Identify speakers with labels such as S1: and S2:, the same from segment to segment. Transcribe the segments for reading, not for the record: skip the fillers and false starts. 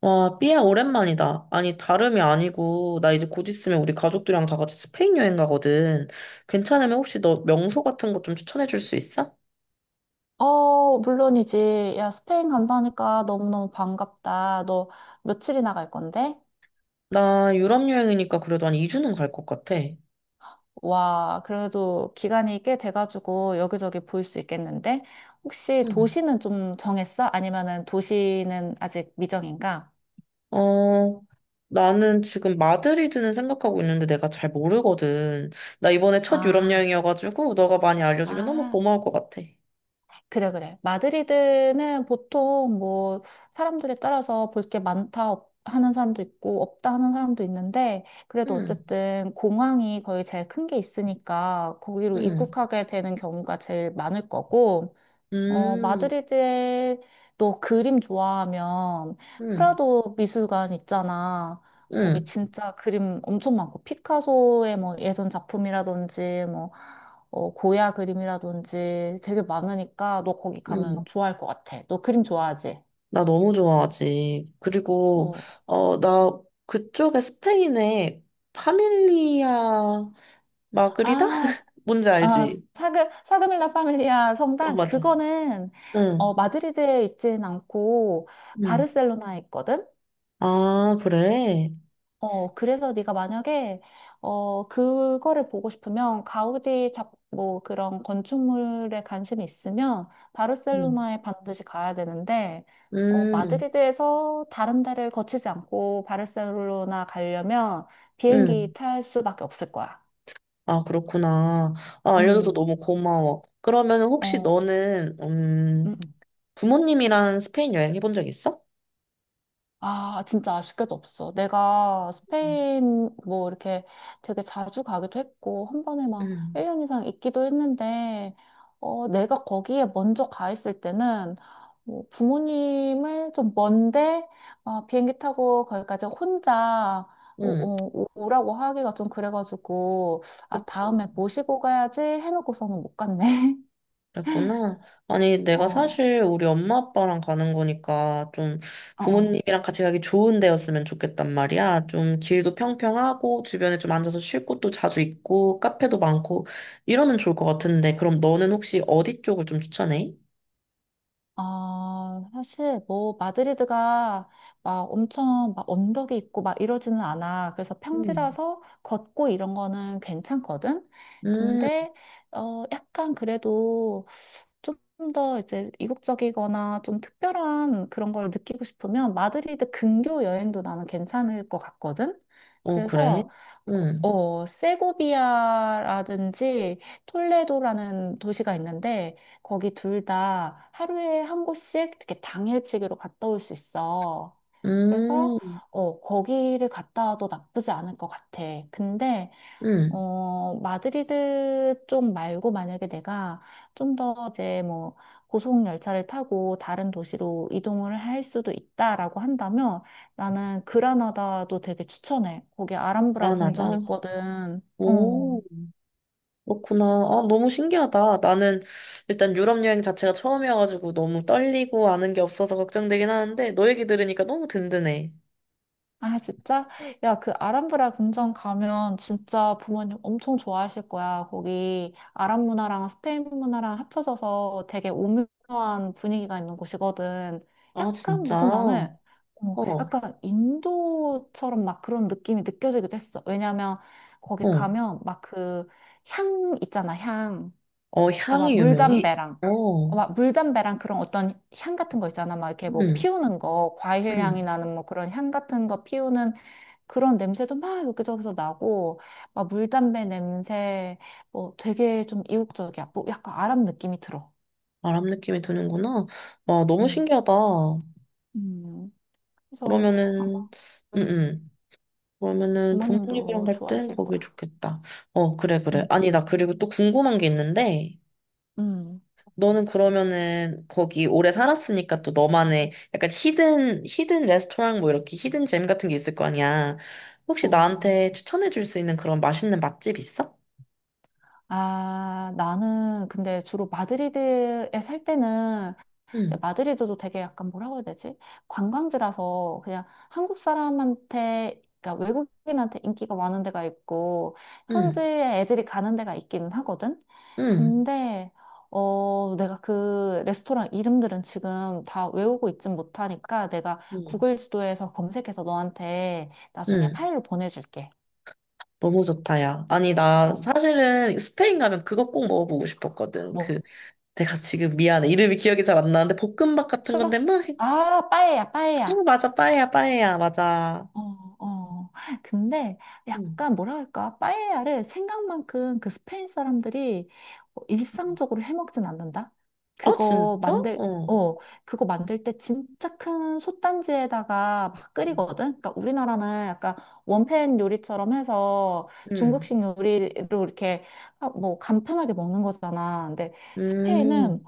S1: 와, 삐야, 오랜만이다. 아니, 다름이 아니고, 나 이제 곧 있으면 우리 가족들이랑 다 같이 스페인 여행 가거든. 괜찮으면 혹시 너 명소 같은 거 좀 추천해 줄 수 있어?
S2: 물론이지. 야, 스페인 간다니까 너무너무 반갑다. 너 며칠이나 갈 건데?
S1: 나 유럽 여행이니까 그래도 한 2주는 갈 것 같아.
S2: 와, 그래도 기간이 꽤 돼가지고 여기저기 볼 수 있겠는데? 혹시
S1: 응.
S2: 도시는 좀 정했어? 아니면은 도시는 아직 미정인가?
S1: 어, 나는 지금 마드리드는 생각하고 있는데 내가 잘 모르거든. 나 이번에 첫 유럽
S2: 아,
S1: 여행이어가지고, 너가 많이 알려주면 너무
S2: 아.
S1: 고마울 것 같아.
S2: 그래, 그래. 마드리드는 보통 뭐 사람들에 따라서 볼 게 많다 하는 사람도 있고 없다 하는 사람도 있는데 그래도
S1: 응,
S2: 어쨌든 공항이 거의 제일 큰 게 있으니까 거기로
S1: 응,
S2: 입국하게 되는 경우가 제일 많을 거고
S1: 음,
S2: 마드리드에 너 그림 좋아하면
S1: 음,
S2: 프라도 미술관 있잖아. 거기
S1: 음,
S2: 진짜 그림 엄청 많고 피카소의 뭐 예전 작품이라든지 고야 그림이라든지 되게 많으니까 너 거기 가면
S1: 음.
S2: 좋아할 것 같아. 너 그림 좋아하지?
S1: 나 너무 좋아하지. 그리고,
S2: 어,
S1: 나 그쪽에 스페인에 파밀리아 마그리다?
S2: 아,
S1: 뭔지
S2: 아,
S1: 알지?
S2: 사그밀라 파밀리아
S1: 어,
S2: 성당
S1: 맞아.
S2: 그거는
S1: 응,
S2: 마드리드에 있진 않고
S1: 응.
S2: 바르셀로나에 있거든.
S1: 아, 그래?
S2: 어, 그래서 네가 만약에 그거를 보고 싶으면 뭐 그런 건축물에 관심이 있으면
S1: 응.
S2: 바르셀로나에 반드시 가야 되는데
S1: 음,
S2: 마드리드에서 다른 데를 거치지 않고 바르셀로나 가려면 비행기
S1: 음.
S2: 탈 수밖에 없을 거야.
S1: 아, 그렇구나. 아, 알려줘서
S2: 음.
S1: 너무 고마워. 그러면 혹시
S2: 어.
S1: 너는,
S2: 음. 음.
S1: 부모님이랑 스페인 여행 해본 적 있어?
S2: 아, 진짜 아쉽게도 없어. 내가 스페인 뭐 이렇게 되게 자주 가기도 했고, 한 번에 막
S1: 응,
S2: 1년 이상 있기도 했는데, 내가 거기에 먼저 가 있을 때는 뭐 부모님을 좀 먼데, 아, 비행기 타고 거기까지 혼자
S1: 응.
S2: 오, 라고 하기가 좀 그래가지고, 아, 다음에 모시고 가야지 해놓고서는 못 갔네.
S1: 그랬구나. 아니, 내가
S2: 어,
S1: 사실 우리 엄마 아빠랑 가는 거니까 좀
S2: 어, 어.
S1: 부모님이랑 같이 가기 좋은 데였으면 좋겠단 말이야. 좀 길도 평평하고 주변에 좀 앉아서 쉴 곳도 자주 있고 카페도 많고 이러면 좋을 것 같은데 그럼 너는 혹시 어디 쪽을 좀 추천해?
S2: 아, 사실 뭐 마드리드가 막 엄청 막 언덕이 있고 막 이러지는 않아. 그래서
S1: 음.
S2: 평지라서 걷고 이런 거는 괜찮거든.
S1: 음,
S2: 근데 약간 그래도 좀 더 이제 이국적이거나 좀 특별한 그런 걸 느끼고 싶으면 마드리드 근교 여행도 나는 괜찮을 것 같거든.
S1: 어, 그래?
S2: 그래서 어,
S1: 음,
S2: 세고비아라든지 톨레도라는 도시가 있는데 거기 둘 다 하루에 한 곳씩 이렇게 당일치기로 갔다 올 수 있어. 그래서
S1: 음,
S2: 거기를 갔다 와도 나쁘지 않을 것 같아. 근데
S1: 음,
S2: 마드리드 좀 말고 만약에 내가 좀 더 이제 뭐 고속 열차를 타고 다른 도시로 이동을 할 수도 있다라고 한다면 나는 그라나다도 되게 추천해. 거기 아람브라 궁전
S1: 편하다.
S2: 있거든.
S1: 어.
S2: 어.
S1: 오. 그렇구나. 아, 너무 신기하다. 나는 일단 유럽 여행 자체가 처음이어가지고 너무 떨리고 아는 게 없어서 걱정되긴 하는데 너 얘기 들으니까 너무 든든해.
S2: 아, 진짜? 야, 그 아람브라 궁전 가면 진짜 부모님 엄청 좋아하실 거야. 거기 아랍 문화랑 스페인 문화랑 합쳐져서 되게 오묘한 분위기가 있는 곳이거든.
S1: 아,
S2: 약간
S1: 진짜?
S2: 무슨
S1: 어,
S2: 나는
S1: 어.
S2: 약간 인도처럼 막 그런 느낌이 느껴지기도 했어. 왜냐면 거기 가면 막 그 향 있잖아, 향.
S1: 어,
S2: 그러니까 막
S1: 향이 유명해? 어,
S2: 물담배랑 그런 어떤 향 같은 거 있잖아. 막 이렇게 뭐
S1: 음,
S2: 피우는 거, 과일 향이
S1: 음.
S2: 나는 뭐 그런 향 같은 거 피우는 그런 냄새도 막 여기저기서 나고, 막 물담배 냄새, 뭐 되게 좀 이국적이야. 뭐 약간 아랍 느낌이 들어.
S1: 아랍 느낌이 드는구나. 와, 너무
S2: 어.
S1: 신기하다.
S2: 음, 그래서 아마
S1: 그러면은, 음,
S2: 음,
S1: 음. 그러면은 부모님이랑
S2: 부모님도
S1: 갈 땐
S2: 좋아하실
S1: 거기
S2: 거야.
S1: 좋겠다. 어, 그래, 그래.
S2: 음,
S1: 아니, 나 그리고 또 궁금한 게 있는데,
S2: 음,
S1: 너는 그러면은 거기 오래 살았으니까 또 너만의 약간 히든 레스토랑 뭐 이렇게 히든 잼 같은 게 있을 거 아니야. 혹시
S2: 어,
S1: 나한테 추천해 줄 수 있는 그런 맛있는 맛집 있어?
S2: 아, 나는 근데 주로 마드리드에 살 때는
S1: 응,
S2: 근데 마드리드도 되게 약간 뭐라고 해야 되지? 관광지라서 그냥 한국 사람한테, 그러니까 외국인한테 인기가 많은 데가 있고,
S1: 응,
S2: 현지에 애들이 가는 데가 있기는 하거든?
S1: 응,
S2: 근데, 내가 그 레스토랑 이름들은 지금 다 외우고 있진 못하니까 내가
S1: 응,
S2: 구글 지도에서 검색해서 너한테 나중에
S1: 응.
S2: 파일을 보내줄게.
S1: 너무 좋다, 야. 아니, 나
S2: 어,
S1: 사실은 스페인 가면 그거 꼭 먹어보고 싶었거든.
S2: 뭐,
S1: 그, 내가 지금 미안해. 이름이 기억이 잘 안 나는데, 볶음밥 같은 건데,
S2: 추러스,
S1: 막,
S2: 아, 빠에야,
S1: 어,
S2: 빠에야.
S1: 맞아, 빠에야, 빠에야, 맞아.
S2: 어, 어. 근데
S1: 응.
S2: 약간 뭐라 할까? 빠에야를 생각만큼 그 스페인 사람들이 일상적으로 해먹진 않는다?
S1: 아,
S2: 그거
S1: 진짜?
S2: 만들,
S1: 어.
S2: 어, 그거 만들 때 진짜 큰 솥단지에다가 막 끓이거든? 그러니까 우리나라는 약간 원팬 요리처럼 해서
S1: 응.
S2: 중국식 요리로 이렇게 아, 뭐 간편하게 먹는 거잖아. 근데
S1: 음.
S2: 스페인은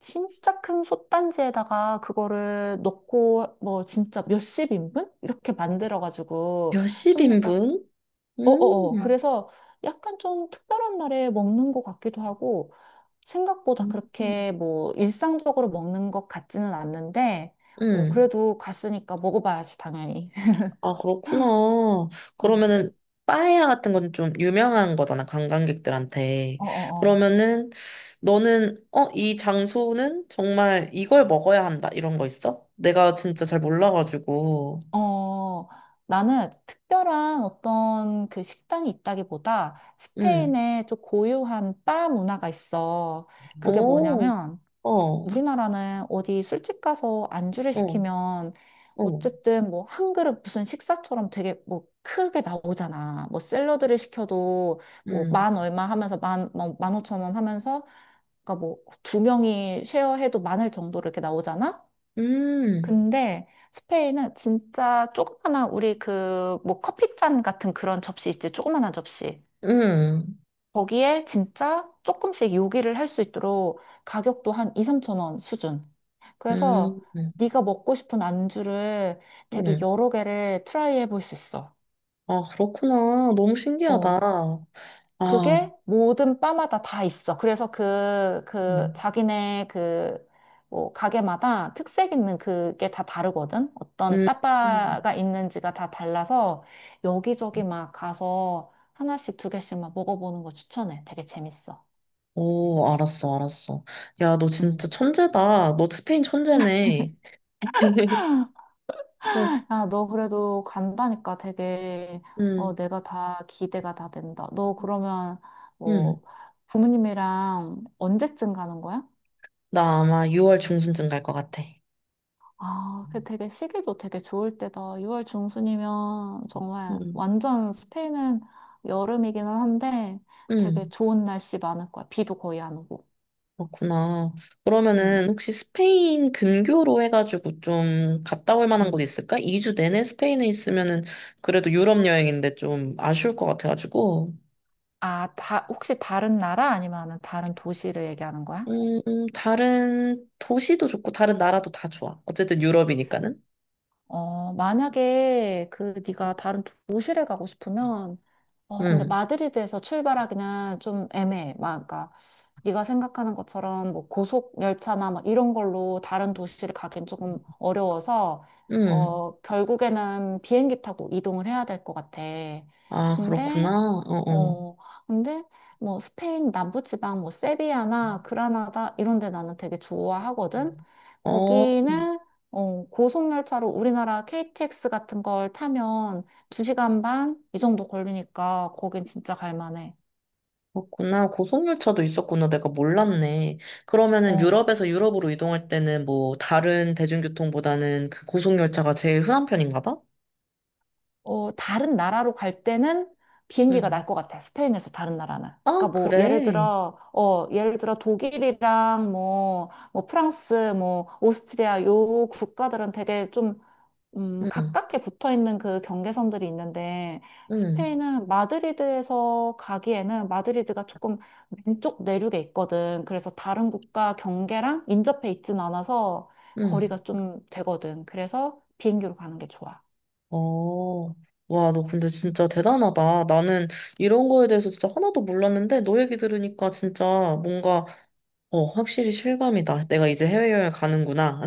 S2: 진짜 큰 솥단지에다가 그거를 넣고 뭐 진짜 몇십 인분? 이렇게 만들어가지고
S1: 몇십
S2: 좀 약간
S1: 인분? 음,
S2: 어어어 그래서 약간 좀 특별한 날에 먹는 것 같기도 하고 생각보다
S1: 응. 음.
S2: 그렇게 뭐 일상적으로 먹는 것 같지는 않는데
S1: 음.
S2: 그래도 갔으니까 먹어봐야지 당연히.
S1: 아, 그렇구나.
S2: 어
S1: 그러면은, 빠에야 같은 건 좀 유명한 거잖아, 관광객들한테.
S2: 어어어.
S1: 그러면은, 너는, 어, 이 장소는 정말 이걸 먹어야 한다, 이런 거 있어? 내가 진짜 잘 몰라가지고.
S2: 어, 나는 특별한 어떤 그 식당이 있다기보다
S1: 음.
S2: 스페인의 좀 고유한 바 문화가 있어.
S1: 어,
S2: 그게
S1: 오,
S2: 뭐냐면
S1: 어,
S2: 우리나라는 어디 술집 가서 안주를
S1: 어,
S2: 시키면
S1: 어.
S2: 어쨌든 뭐 한 그릇 무슨 식사처럼 되게 뭐 크게 나오잖아. 뭐 샐러드를 시켜도 뭐
S1: 음,
S2: 만 얼마 하면서 15,000원 하면서 그러니까 뭐 두 명이 쉐어해도 많을 정도로 이렇게 나오잖아.
S1: 음,
S2: 근데 스페인은 진짜 조그마한 우리 그 뭐 커피잔 같은 그런 접시 있지 조그마한 접시
S1: 음,
S2: 거기에 진짜 조금씩 요리를 할 수 있도록 가격도 한 2, 3천 원 수준
S1: 음,
S2: 그래서
S1: 음.
S2: 네가 먹고 싶은 안주를 되게
S1: 음.
S2: 여러 개를 트라이 해볼 수 있어
S1: 아, 그렇구나. 너무
S2: 어
S1: 신기하다. 아,
S2: 그게 모든 바마다 다 있어. 그래서
S1: 음.
S2: 자기네 그, 뭐, 가게마다 특색 있는 그게 다 다르거든? 어떤
S1: 음,
S2: 따빠가 있는지가 다 달라서 여기저기 막 가서 하나씩 두 개씩 막 먹어보는 거 추천해. 되게 재밌어.
S1: 오, 알았어, 알았어. 야, 너 진짜
S2: 음.
S1: 천재다. 너 스페인 천재네. 어,
S2: 아, 너 그래도 간다니까 되게,
S1: 음,
S2: 내가 다 기대가 다 된다. 너 그러면,
S1: 음.
S2: 뭐, 부모님이랑 언제쯤 가는 거야?
S1: 나 아마 6월 중순쯤 갈 것 같아.
S2: 아, 그 되게 시기도 되게 좋을 때다. 6월 중순이면 정말
S1: 음,
S2: 완전 스페인은 여름이기는 한데 되게
S1: 음,
S2: 좋은 날씨 많을 거야. 비도 거의 안 오고.
S1: 그렇구나. 그러면은
S2: 음,
S1: 혹시 스페인 근교로 해가지고 좀 갔다 올 만한 곳
S2: 음.
S1: 있을까? 2주 내내 스페인에 있으면은 그래도 유럽 여행인데 좀 아쉬울 것 같아가지고.
S2: 아, 다, 혹시 다른 나라 아니면은 다른 도시를 얘기하는 거야?
S1: 다른 도시도 좋고 다른 나라도 다 좋아. 어쨌든 유럽이니까는.
S2: 어, 만약에 그 네가 다른 도시를 가고 싶으면 근데
S1: 응
S2: 마드리드에서 출발하기는 좀 애매해. 막, 그러니까 네가 생각하는 것처럼 뭐 고속 열차나 막 이런 걸로 다른 도시를 가긴 조금 어려워서
S1: 응
S2: 결국에는 비행기 타고 이동을 해야 될 것 같아.
S1: 아, 그렇구나.
S2: 근데
S1: 어어.
S2: 어, 근데 뭐 스페인 남부지방 뭐 세비야나 그라나다 이런 데 나는 되게 좋아하거든.
S1: 어, 어,
S2: 거기는 고속열차로 우리나라 KTX 같은 걸 타면 2시간 반 이 정도 걸리니까 거긴 진짜 갈 만해.
S1: 그렇구나. 고속열차도 있었구나. 내가 몰랐네. 그러면은
S2: 어,
S1: 유럽에서 유럽으로 이동할 때는 뭐 다른 대중교통보다는 그 고속열차가 제일 흔한 편인가 봐?
S2: 다른 나라로 갈 때는 비행기가 날
S1: 응.
S2: 것 같아. 스페인에서 다른 나라는. 그러니까
S1: 아,
S2: 뭐 예를
S1: 그래.
S2: 들어 예를 들어 독일이랑 뭐 프랑스 뭐 오스트리아 요 국가들은 되게 좀
S1: 응,
S2: 가깝게 붙어 있는 그 경계선들이 있는데
S1: 응,
S2: 스페인은 마드리드에서 가기에는 마드리드가 조금 왼쪽 내륙에 있거든. 그래서 다른 국가 경계랑 인접해 있진 않아서
S1: 응.
S2: 거리가 좀 되거든. 그래서 비행기로 가는 게 좋아.
S1: 어. 와, 너 근데
S2: 음.
S1: 진짜 대단하다. 나는 이런 거에 대해서 진짜 하나도 몰랐는데 너 얘기 들으니까 진짜 뭔가, 확실히 실감이다. 내가 이제 해외여행 가는구나.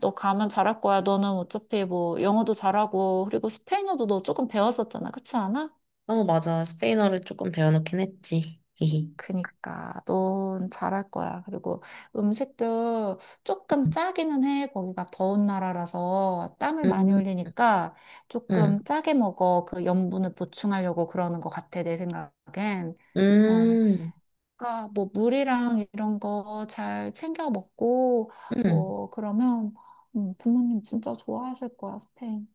S2: 너 가면 잘할 거야. 너는 어차피 뭐 영어도 잘하고 그리고 스페인어도 너 조금 배웠었잖아. 그렇지 않아?
S1: 어, 맞아. 스페인어를 조금 배워놓긴 했지. 히히.
S2: 그니까 넌 잘할 거야. 그리고 음식도 조금 짜기는 해. 거기가 더운 나라라서 땀을 많이
S1: 음,
S2: 흘리니까 조금
S1: 음,
S2: 짜게 먹어. 그 염분을 보충하려고 그러는 것 같아. 내 생각엔. 어,
S1: 음,
S2: 그러니까 뭐 물이랑 이런 거 잘 챙겨 먹고
S1: 음,
S2: 뭐 그러면 부모님 진짜 좋아하실 거야, 스페인.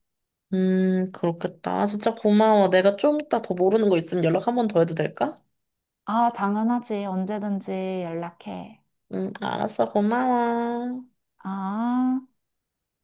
S1: 그렇겠다. 아, 진짜 고마워. 내가 좀 이따 더 모르는 거 있으면 연락 한 번 더 해도 될까?
S2: 아, 당연하지. 언제든지 연락해.
S1: 응, 알았어. 고마워.
S2: 아.